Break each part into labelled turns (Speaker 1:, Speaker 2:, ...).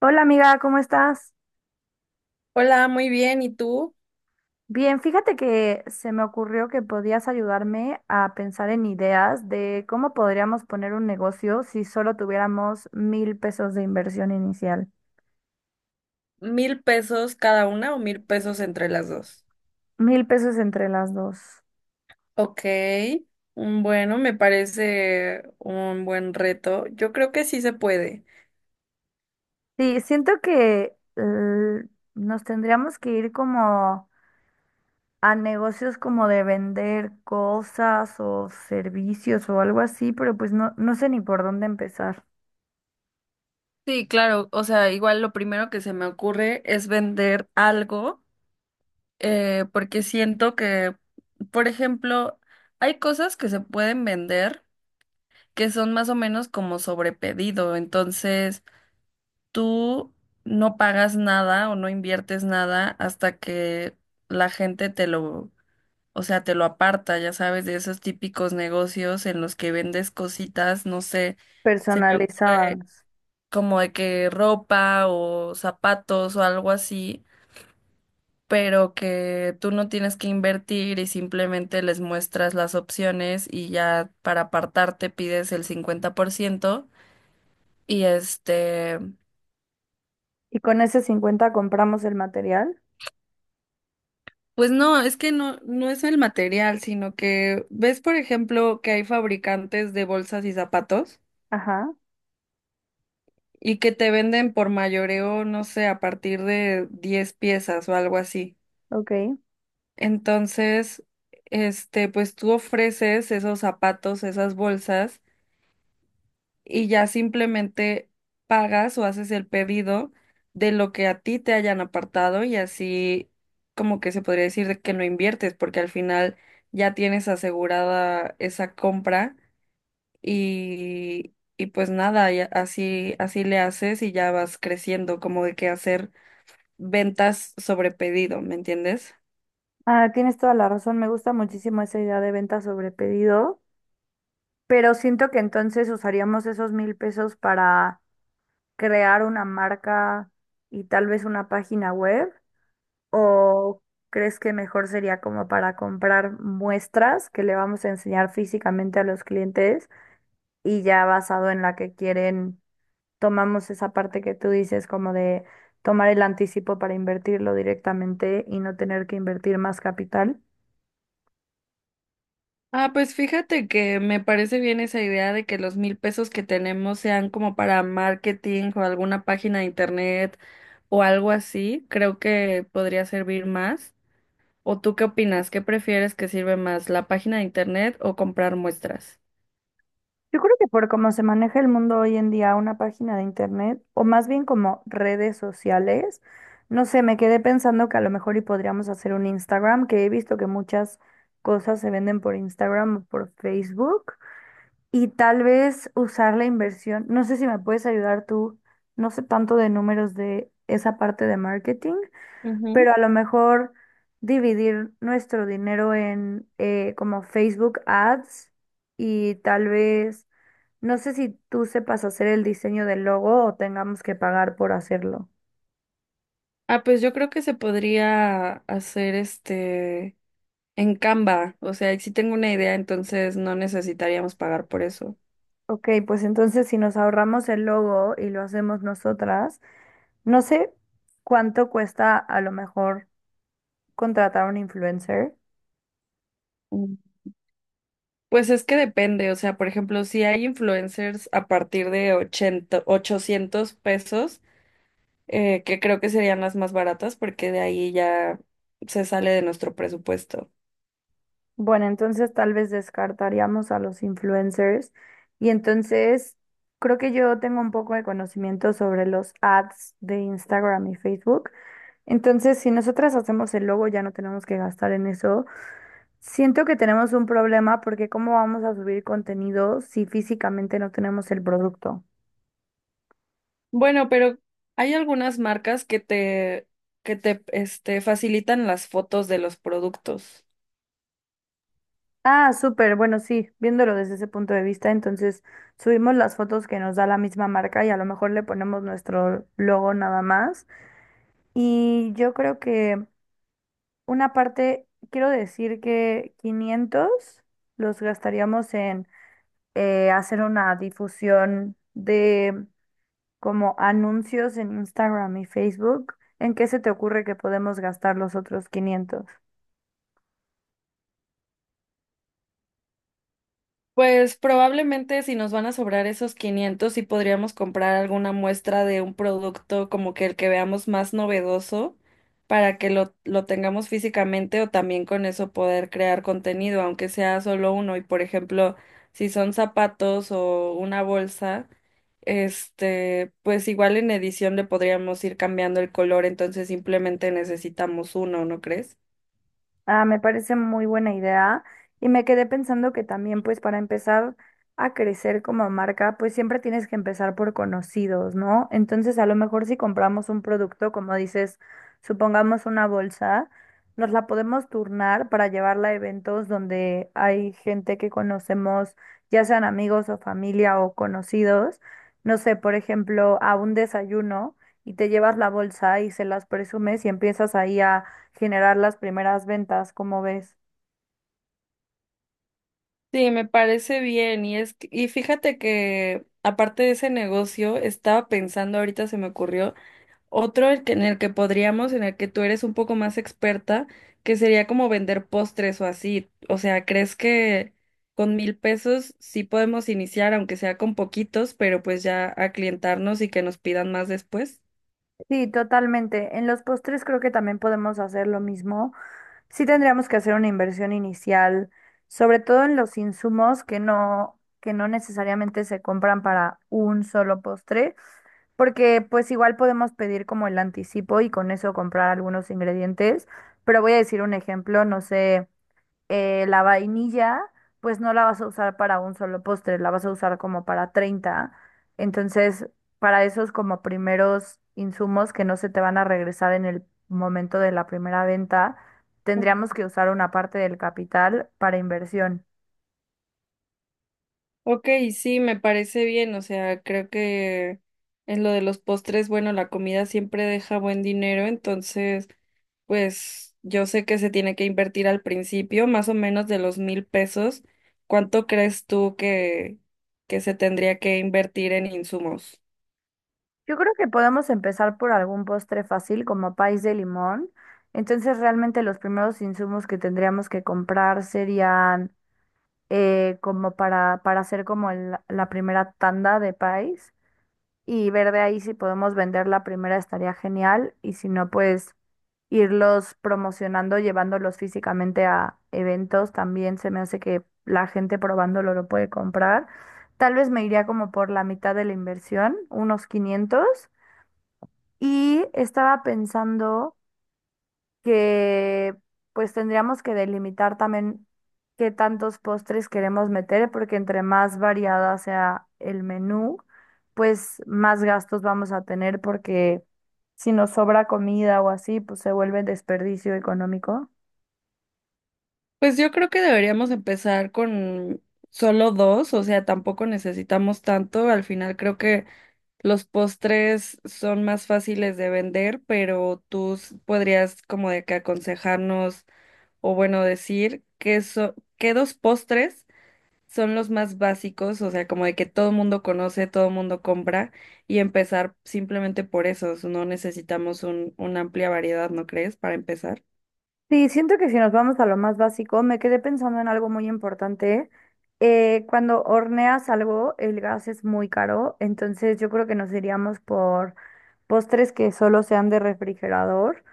Speaker 1: Hola amiga, ¿cómo estás?
Speaker 2: Hola, muy bien. ¿Y tú?
Speaker 1: Bien, fíjate que se me ocurrió que podías ayudarme a pensar en ideas de cómo podríamos poner un negocio si solo tuviéramos 1,000 pesos de inversión inicial.
Speaker 2: ¿Mil pesos cada una o mil pesos entre las dos?
Speaker 1: 1,000 pesos entre las dos.
Speaker 2: Ok. Bueno, me parece un buen reto. Yo creo que sí se puede.
Speaker 1: Sí, siento que nos tendríamos que ir como a negocios como de vender cosas o servicios o algo así, pero pues no sé ni por dónde empezar.
Speaker 2: Sí, claro. O sea, igual lo primero que se me ocurre es vender algo, porque siento que, por ejemplo, hay cosas que se pueden vender que son más o menos como sobrepedido. Entonces tú no pagas nada o no inviertes nada hasta que la gente te lo, o sea, te lo aparta, ya sabes, de esos típicos negocios en los que vendes cositas, no sé, se me ocurre
Speaker 1: Personalizadas.
Speaker 2: como de que ropa o zapatos o algo así, pero que tú no tienes que invertir y simplemente les muestras las opciones y ya para apartarte pides el 50% y este...
Speaker 1: ¿Y con ese 50 compramos el material?
Speaker 2: Pues no, es que no es el material, sino que ves, por ejemplo, que hay fabricantes de bolsas y zapatos
Speaker 1: Ajá,
Speaker 2: y que te venden por mayoreo, no sé, a partir de 10 piezas o algo así.
Speaker 1: ok.
Speaker 2: Entonces, este, pues tú ofreces esos zapatos, esas bolsas y ya simplemente pagas o haces el pedido de lo que a ti te hayan apartado y así como que se podría decir de que no inviertes porque al final ya tienes asegurada esa compra y pues nada, y así, así le haces y ya vas creciendo como de que hacer ventas sobre pedido, ¿me entiendes?
Speaker 1: Ah, tienes toda la razón, me gusta muchísimo esa idea de venta sobre pedido, pero siento que entonces usaríamos esos 1,000 pesos para crear una marca y tal vez una página web, ¿o crees que mejor sería como para comprar muestras que le vamos a enseñar físicamente a los clientes y ya basado en la que quieren, tomamos esa parte que tú dices como de tomar el anticipo para invertirlo directamente y no tener que invertir más capital?
Speaker 2: Ah, pues fíjate que me parece bien esa idea de que los mil pesos que tenemos sean como para marketing o alguna página de internet o algo así. Creo que podría servir más. ¿O tú qué opinas? ¿Qué prefieres que sirve más, la página de internet o comprar muestras?
Speaker 1: Yo creo que por cómo se maneja el mundo hoy en día, una página de internet, o más bien como redes sociales, no sé, me quedé pensando que a lo mejor y podríamos hacer un Instagram, que he visto que muchas cosas se venden por Instagram o por Facebook, y tal vez usar la inversión. No sé si me puedes ayudar tú, no sé tanto de números de esa parte de marketing,
Speaker 2: Ujú.
Speaker 1: pero a lo mejor dividir nuestro dinero en como Facebook Ads y tal vez no sé si tú sepas hacer el diseño del logo o tengamos que pagar por hacerlo.
Speaker 2: Ah, pues yo creo que se podría hacer este en Canva. O sea, si tengo una idea, entonces no necesitaríamos pagar por eso.
Speaker 1: Ok, pues entonces si nos ahorramos el logo y lo hacemos nosotras, no sé cuánto cuesta a lo mejor contratar a un influencer.
Speaker 2: Pues es que depende, o sea, por ejemplo, si hay influencers a partir de 80, 800 pesos, que creo que serían las más baratas porque de ahí ya se sale de nuestro presupuesto.
Speaker 1: Bueno, entonces tal vez descartaríamos a los influencers y entonces creo que yo tengo un poco de conocimiento sobre los ads de Instagram y Facebook. Entonces, si nosotras hacemos el logo, ya no tenemos que gastar en eso. Siento que tenemos un problema porque ¿cómo vamos a subir contenido si físicamente no tenemos el producto?
Speaker 2: Bueno, pero hay algunas marcas que te, facilitan las fotos de los productos.
Speaker 1: Ah, súper, bueno, sí, viéndolo desde ese punto de vista, entonces subimos las fotos que nos da la misma marca y a lo mejor le ponemos nuestro logo nada más. Y yo creo que una parte, quiero decir que 500 los gastaríamos en hacer una difusión de como anuncios en Instagram y Facebook, ¿en qué se te ocurre que podemos gastar los otros 500?
Speaker 2: Pues probablemente si nos van a sobrar esos 500, sí podríamos comprar alguna muestra de un producto como que el que veamos más novedoso para que lo tengamos físicamente o también con eso poder crear contenido, aunque sea solo uno. Y por ejemplo, si son zapatos o una bolsa, este, pues igual en edición le podríamos ir cambiando el color, entonces simplemente necesitamos uno, ¿no crees?
Speaker 1: Ah, me parece muy buena idea y me quedé pensando que también pues para empezar a crecer como marca pues siempre tienes que empezar por conocidos, ¿no? Entonces a lo mejor si compramos un producto, como dices, supongamos una bolsa, nos la podemos turnar para llevarla a eventos donde hay gente que conocemos, ya sean amigos o familia o conocidos, no sé, por ejemplo, a un desayuno y te llevas la bolsa y se las presumes y empiezas ahí a generar las primeras ventas, como ves.
Speaker 2: Sí, me parece bien y fíjate que aparte de ese negocio estaba pensando ahorita se me ocurrió en el que podríamos, en el que tú eres un poco más experta, que sería como vender postres o así, o sea, ¿crees que con mil pesos sí podemos iniciar aunque sea con poquitos pero pues ya a clientarnos y que nos pidan más después?
Speaker 1: Sí, totalmente. En los postres creo que también podemos hacer lo mismo. Sí tendríamos que hacer una inversión inicial, sobre todo en los insumos que no necesariamente se compran para un solo postre, porque pues igual podemos pedir como el anticipo y con eso comprar algunos ingredientes. Pero voy a decir un ejemplo, no sé. La vainilla, pues no la vas a usar para un solo postre, la vas a usar como para 30. Entonces, para esos como primeros insumos que no se te van a regresar en el momento de la primera venta, tendríamos que usar una parte del capital para inversión.
Speaker 2: Ok, sí, me parece bien, o sea, creo que en lo de los postres, bueno, la comida siempre deja buen dinero, entonces, pues yo sé que se tiene que invertir al principio, más o menos de los mil pesos. ¿Cuánto crees tú que se tendría que invertir en insumos?
Speaker 1: Yo creo que podemos empezar por algún postre fácil como país de limón. Entonces, realmente los primeros insumos que tendríamos que comprar serían como para hacer como la primera tanda de país y ver de ahí si podemos vender la primera estaría genial y si no, pues irlos promocionando, llevándolos físicamente a eventos, también se me hace que la gente probándolo lo puede comprar. Tal vez me iría como por la mitad de la inversión, unos 500. Y estaba pensando que pues tendríamos que delimitar también qué tantos postres queremos meter, porque entre más variada sea el menú, pues más gastos vamos a tener, porque si nos sobra comida o así, pues se vuelve desperdicio económico.
Speaker 2: Pues yo creo que deberíamos empezar con solo dos, o sea, tampoco necesitamos tanto, al final creo que los postres son más fáciles de vender, pero podrías como de que aconsejarnos o bueno decir que qué dos postres son los más básicos, o sea, como de que todo el mundo conoce, todo el mundo compra y empezar simplemente por esos. No necesitamos una amplia variedad, ¿no crees? Para empezar.
Speaker 1: Sí, siento que si nos vamos a lo más básico, me quedé pensando en algo muy importante. Cuando horneas algo, el gas es muy caro, entonces yo creo que nos iríamos por postres que solo sean de refrigerador.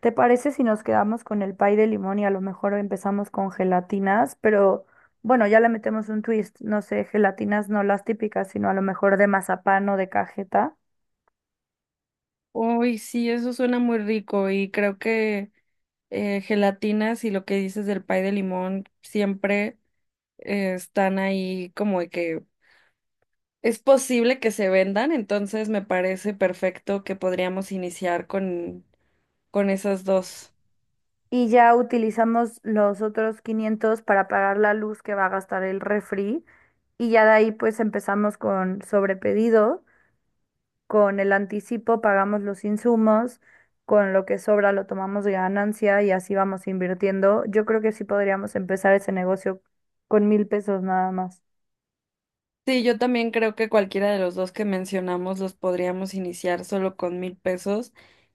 Speaker 1: ¿Te parece si nos quedamos con el pay de limón y a lo mejor empezamos con gelatinas? Pero bueno, ya le metemos un twist, no sé, gelatinas no las típicas, sino a lo mejor de mazapán o de cajeta.
Speaker 2: Uy, sí, eso suena muy rico y creo que gelatinas y lo que dices del pay de limón siempre están ahí como de que es posible que se vendan, entonces me parece perfecto que podríamos iniciar con esas dos.
Speaker 1: Y ya utilizamos los otros 500 para pagar la luz que va a gastar el refri. Y ya de ahí pues empezamos con sobrepedido. Con el anticipo pagamos los insumos, con lo que sobra lo tomamos de ganancia y así vamos invirtiendo. Yo creo que sí podríamos empezar ese negocio con 1,000 pesos nada más.
Speaker 2: Sí, yo también creo que cualquiera de los dos que mencionamos los podríamos iniciar solo con mil pesos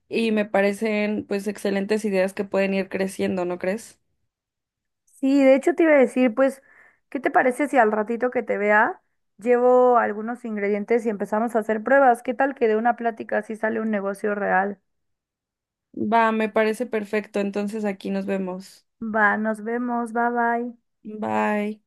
Speaker 2: y me parecen pues excelentes ideas que pueden ir creciendo, ¿no crees?
Speaker 1: Sí, de hecho te iba a decir, pues, ¿qué te parece si al ratito que te vea llevo algunos ingredientes y empezamos a hacer pruebas? ¿Qué tal que de una plática así sale un negocio real?
Speaker 2: Va, me parece perfecto, entonces aquí nos vemos.
Speaker 1: Va, nos vemos, bye bye.
Speaker 2: Bye.